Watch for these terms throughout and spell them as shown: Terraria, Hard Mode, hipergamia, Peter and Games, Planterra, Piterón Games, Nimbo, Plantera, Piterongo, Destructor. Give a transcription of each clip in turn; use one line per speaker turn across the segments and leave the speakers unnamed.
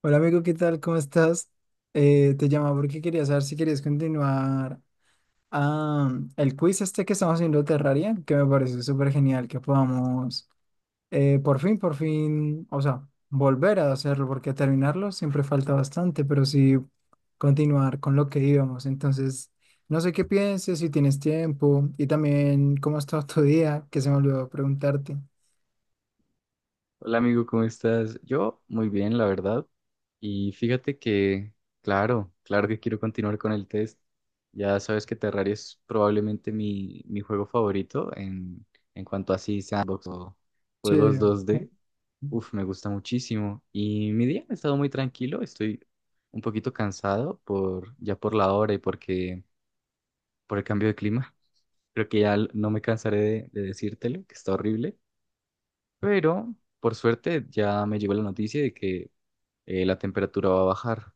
Hola amigo, ¿qué tal? ¿Cómo estás? Te llamaba porque quería saber si querías continuar ah, el quiz este que estamos haciendo de Terraria, que me pareció súper genial que podamos por fin, o sea, volver a hacerlo porque terminarlo siempre falta bastante, pero sí continuar con lo que íbamos. Entonces, no sé qué pienses, si tienes tiempo y también cómo ha estado tu día, que se me olvidó preguntarte.
Hola amigo, ¿cómo estás? Yo muy bien, la verdad. Y fíjate que, claro, claro que quiero continuar con el test. Ya sabes que Terraria es probablemente mi juego favorito en cuanto a así sandbox o
Sí,
juegos 2D. Uf, me gusta muchísimo. Y mi día ha estado muy tranquilo, estoy un poquito cansado por ya por la hora y porque por el cambio de clima. Creo que ya no me cansaré de decírtelo, que está horrible. Pero por suerte ya me llegó la noticia de que la temperatura va a bajar.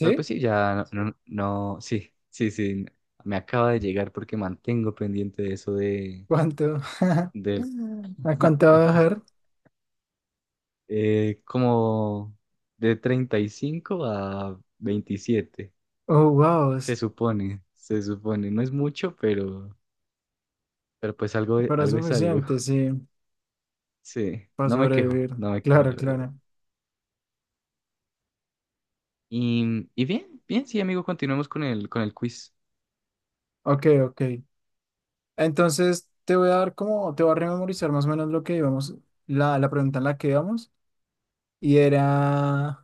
Pero pues sí, ya no, no, sí, sí, sí, me acaba de llegar porque mantengo pendiente de eso de,
¿Cuánto?
del,
¿A cuánto va a bajar?
como de 35 a 27,
Oh, wow,
se supone, no es mucho, pero pues algo,
pero es
algo es algo.
suficiente, sí,
Sí,
para
no me quejo,
sobrevivir.
no me quejo,
Claro,
la verdad.
claro.
Y bien, bien, sí, amigo, continuemos con el quiz.
Ok, ok. Entonces te voy a dar como, te voy a rememorizar más o menos lo que íbamos, la pregunta en la que íbamos, y era,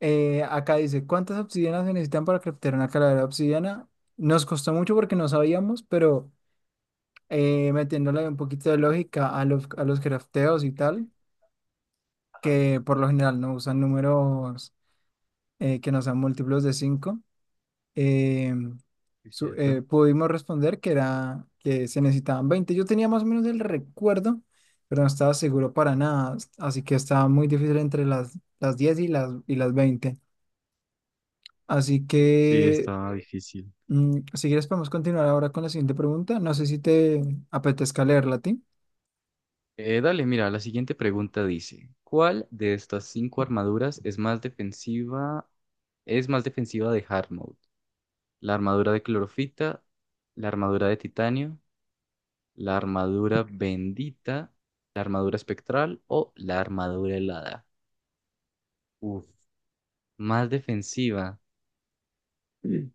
acá dice, ¿cuántas obsidianas se necesitan para craftear una calavera de obsidiana? Nos costó mucho porque no sabíamos, pero metiéndole un poquito de lógica a los crafteos y tal, que por lo general no usan números que no sean múltiplos de 5 eh,
Sí, ¿cierto?
pudimos responder que era que se necesitaban 20. Yo tenía más o menos el recuerdo, pero no estaba seguro para nada, así que estaba muy difícil entre las 10 y las 20. Así
Sí,
que,
está difícil.
si quieres, podemos continuar ahora con la siguiente pregunta. No sé si te apetezca leerla a ti.
Dale, mira, la siguiente pregunta dice, ¿cuál de estas cinco armaduras es más defensiva de Hard Mode? ¿La armadura de clorofita, la armadura de titanio, la armadura bendita, la armadura espectral o la armadura helada? Uf, más defensiva. Mm.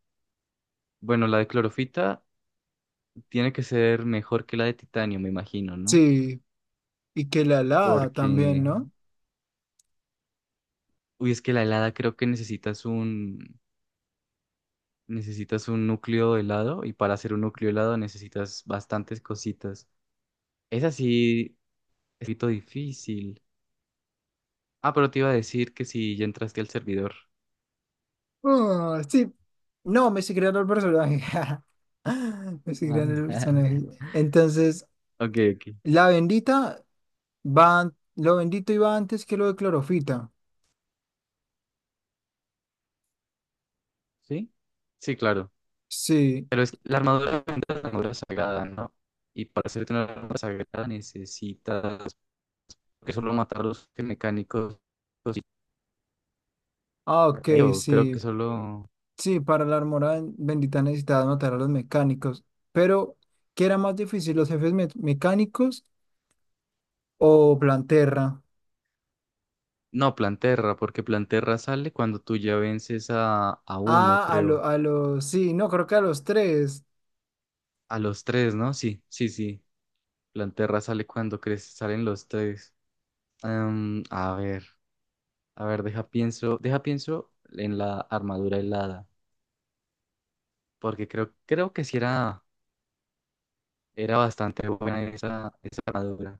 Bueno, la de clorofita tiene que ser mejor que la de titanio, me imagino, ¿no?
Sí, y que la alada
Porque,
también, ¿no?
uy, es que la helada creo que necesitas un núcleo helado y para hacer un núcleo helado necesitas bastantes cositas. Es así, es un poquito difícil. Ah, pero te iba a decir que si ya entraste al servidor.
Ah, sí, no, me sí crearon el personaje. Me sí crearon el
Ah.
personaje. Entonces,
Ok, ok.
la bendita. Va, lo bendito iba antes que lo de clorofita.
¿Sí? Sí, claro.
Sí.
Pero es que la armadura es una armadura sagrada, ¿no? Y para hacerte una armadura sagrada necesitas que solo matar a los mecánicos. Y
Ah, ok,
creo, creo que
sí.
solo...
Sí, para la armora bendita necesitaba matar a los mecánicos. Pero, ¿qué era más difícil, los jefes mecánicos o Planterra?
No, Planterra, porque Planterra sale cuando tú ya vences a uno,
Ah, a
creo.
lo, a los. Sí, no, creo que a los tres.
A los tres, ¿no? Sí, sí, sí. Planterra sale cuando crece, salen los tres. Em, a ver, deja pienso en la armadura helada, porque creo, creo que sí era, era bastante buena esa, esa armadura.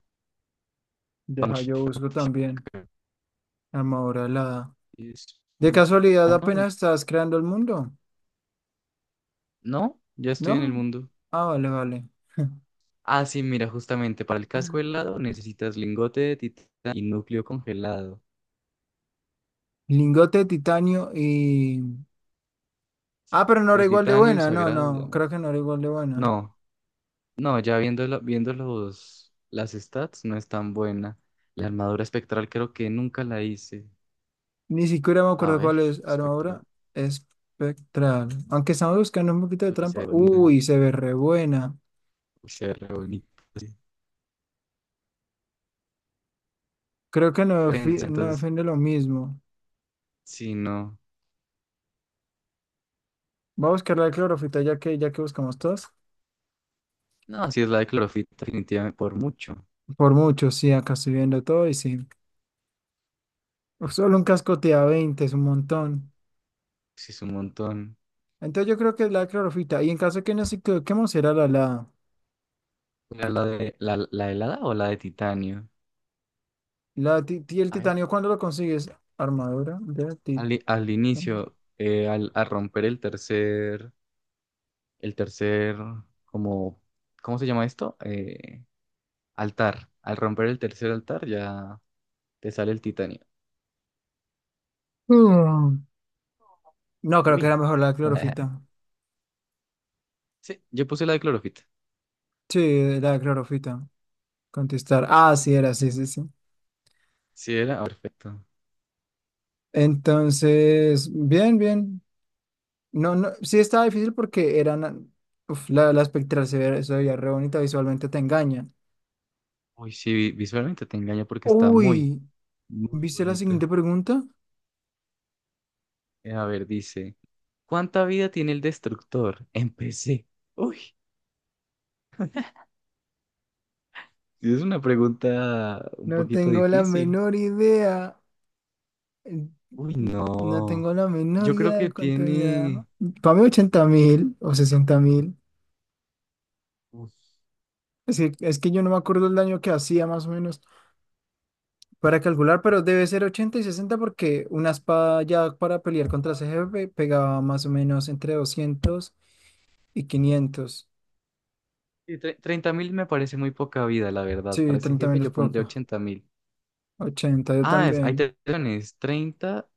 Va
Deja,
mucho.
yo busco también. Armadura alada.
Es
De
20.
casualidad,
Ah, no,
apenas estás creando el mundo,
no, ya estoy en el
¿no?
mundo.
Ah, vale, vale.
Ah, sí, mira, justamente para el casco helado necesitas lingote de titanio y núcleo congelado.
Lingote de titanio y. Ah,
Sí.
pero no era
De
igual de
titanio
buena. No,
sagrado,
no, creo
diamante.
que no era igual de buena.
No, no, ya viendo, viendo los, las stats, no es tan buena. La armadura espectral creo que nunca la hice.
Ni siquiera me
A
acuerdo
ver,
cuál es armadura
espectral.
espectral. Aunque estamos buscando un poquito de
Pero se ve
trampa.
bonita.
Uy, se ve re buena.
Se ve re bonita. Sí.
Creo que no,
Prensa,
no
entonces,
defiende lo mismo.
si no.
Voy a buscar la clorofita ya que buscamos todas.
No, si es la de clorofita, definitivamente por mucho.
Por mucho, sí, acá estoy viendo todo y sí. Solo un casco te da 20, es un montón.
Si es un montón.
Entonces yo creo que es la clorofita. Y en caso de que nos equivoquemos, será la.
¿Era la de la helada o la de titanio?
El
A ver.
titanio, ¿cuándo lo consigues? Armadura de titanio.
Al, al inicio, al, al romper el tercer, como, ¿cómo se llama esto? Altar. Al romper el tercer altar ya te sale el titanio.
No, creo que era
Uy.
mejor la clorofita.
Sí, yo puse la de clorofita.
Sí, la clorofita. Contestar. Ah, sí, era, sí, sí, sí.
Sí, era, ah, perfecto.
Entonces, bien, bien. No, no, sí estaba difícil porque eran. Uf, la espectral se veía re bonita, visualmente te engaña.
Uy, sí, visualmente te engaña porque está muy,
Uy,
muy
¿viste la
bonita.
siguiente pregunta?
A ver, dice, ¿cuánta vida tiene el destructor? Empecé. Uy, sí, es una pregunta un
No
poquito
tengo la
difícil.
menor idea. Eh,
Uy,
No
no.
tengo la menor
Yo creo
idea
que
de cuánto era.
tiene...
Para mí, 80.000 o 60.000.
Uf.
Es que, yo no me acuerdo el daño que hacía, más o menos. Para calcular, pero debe ser 80 y 60 porque una espada ya para pelear contra ese jefe pegaba más o menos entre 200 y 500.
Sí, 30.000 me parece muy poca vida, la verdad. Para
Sí,
ese
30
jefe
menos
yo pondría
poco.
80.000.
80. Yo
Ah, hay
también.
telones, treinta,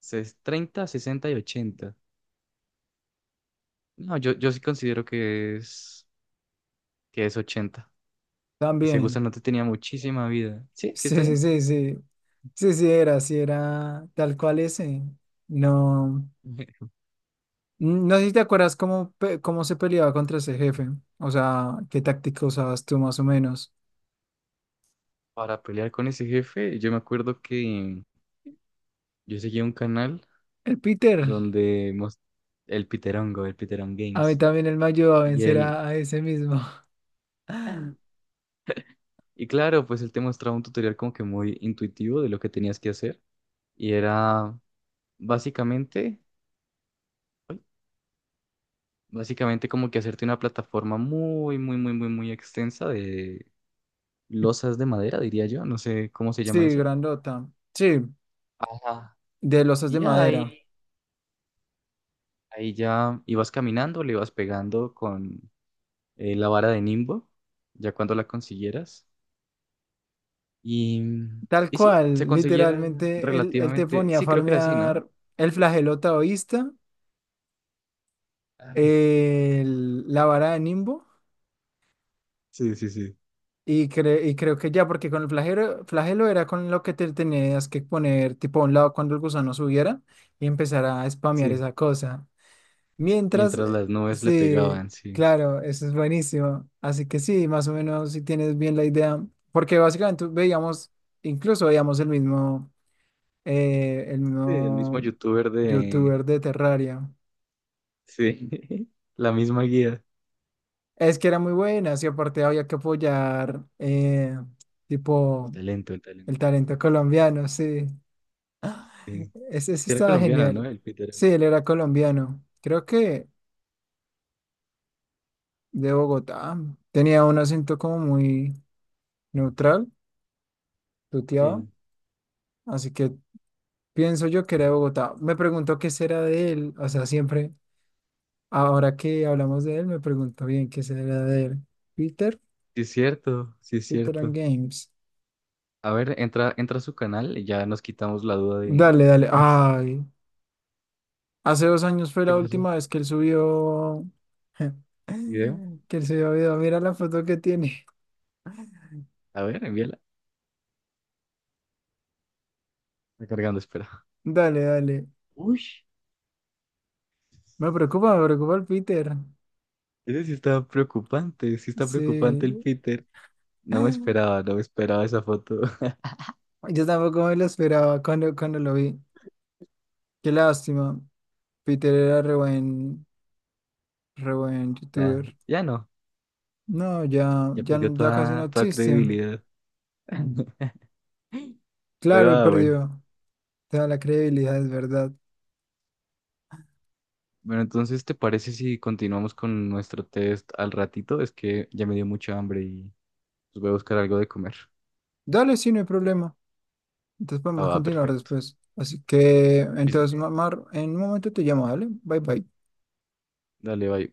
treinta, 60 y 80. No, yo sí considero que es 80. Ese
También.
gusanote tenía muchísima vida. Sí, sí está
Sí, sí,
bien.
sí, sí. Sí, sí era tal cual ese. No, no sé si te acuerdas cómo, cómo se peleaba contra ese jefe. O sea, qué táctica usabas tú más o menos.
Para pelear con ese jefe, yo me acuerdo que yo seguía un canal
El Peter,
donde el Piterongo, el Piterón
a mí
Games,
también él me ayudó a
y
vencer
él,
a ese mismo.
y claro, pues él te mostraba un tutorial como que muy intuitivo de lo que tenías que hacer, y era básicamente... Básicamente como que hacerte una plataforma muy, muy, muy, muy, muy extensa de losas de madera, diría yo. No sé cómo se llama
Sí,
eso.
grandota. Sí,
Ajá.
de losas de
Y ya
madera.
ahí, ahí ya ibas caminando, le ibas pegando con la vara de Nimbo, ya cuando la consiguieras. Y, mm,
Tal
y sí, se
cual,
conseguía
literalmente, él te
relativamente,
ponía a
sí, creo que era así, ¿no?
farmear el flagelo taoísta,
Ah,
la vara de Nimbo,
sí, sí, sí.
y, y creo que ya, porque con el flagelo era con lo que te tenías que poner tipo a un lado cuando el gusano subiera y empezar a spamear
Sí,
esa cosa. Mientras,
mientras las nubes le
sí,
pegaban, sí.
claro, eso es buenísimo. Así que sí, más o menos si tienes bien la idea, porque básicamente veíamos, incluso veíamos el
Sí, el mismo
mismo
youtuber de...
youtuber de Terraria.
Sí, la misma guía.
Es que era muy buena, y aparte había que apoyar,
El
tipo,
talento, el
el
talento.
talento colombiano, sí.
Sí. Sí.
Ese
Era
estaba
colombiana, ¿no?
genial.
El Peter.
Sí, él era colombiano. Creo que de Bogotá. Tenía un acento como muy neutral, tuteado.
Sí.
Así que pienso yo que era de Bogotá. Me pregunto qué será de él. O sea, siempre, ahora que hablamos de él, me pregunto bien qué será de él. Peter,
Sí es cierto, sí es
Peter and
cierto.
Games.
A ver, entra, entra a su canal y ya nos quitamos la duda de...
Dale, dale. Ay, hace 2 años fue
¿Qué
la
pasó?
última vez que él subió.
¿Video?
Que él subió video. Mira la foto que tiene.
A ver, envíala. Está cargando, espera.
Dale, dale.
Uy,
Me preocupa el Peter.
ese sí está preocupante el
Sí.
Peter. No me esperaba, no me esperaba esa foto.
Yo tampoco me lo esperaba cuando, lo vi. Qué lástima. Peter era re buen
Ya,
youtuber.
ya no,
No, ya,
ya
ya,
perdió
ya casi no
toda, toda
existe.
credibilidad. Pero
Claro, he
ah, bueno.
perdido toda la credibilidad, es verdad.
Bueno, entonces, ¿te parece si continuamos con nuestro test al ratito? Es que ya me dio mucha hambre. Voy a buscar algo de comer.
Dale, sí, no hay problema. Entonces
Ah,
podemos
va,
continuar
perfecto.
después. Así que,
Sí, sí.
entonces, Mar, en un momento te llamo, dale. Bye, bye.
Dale, bye.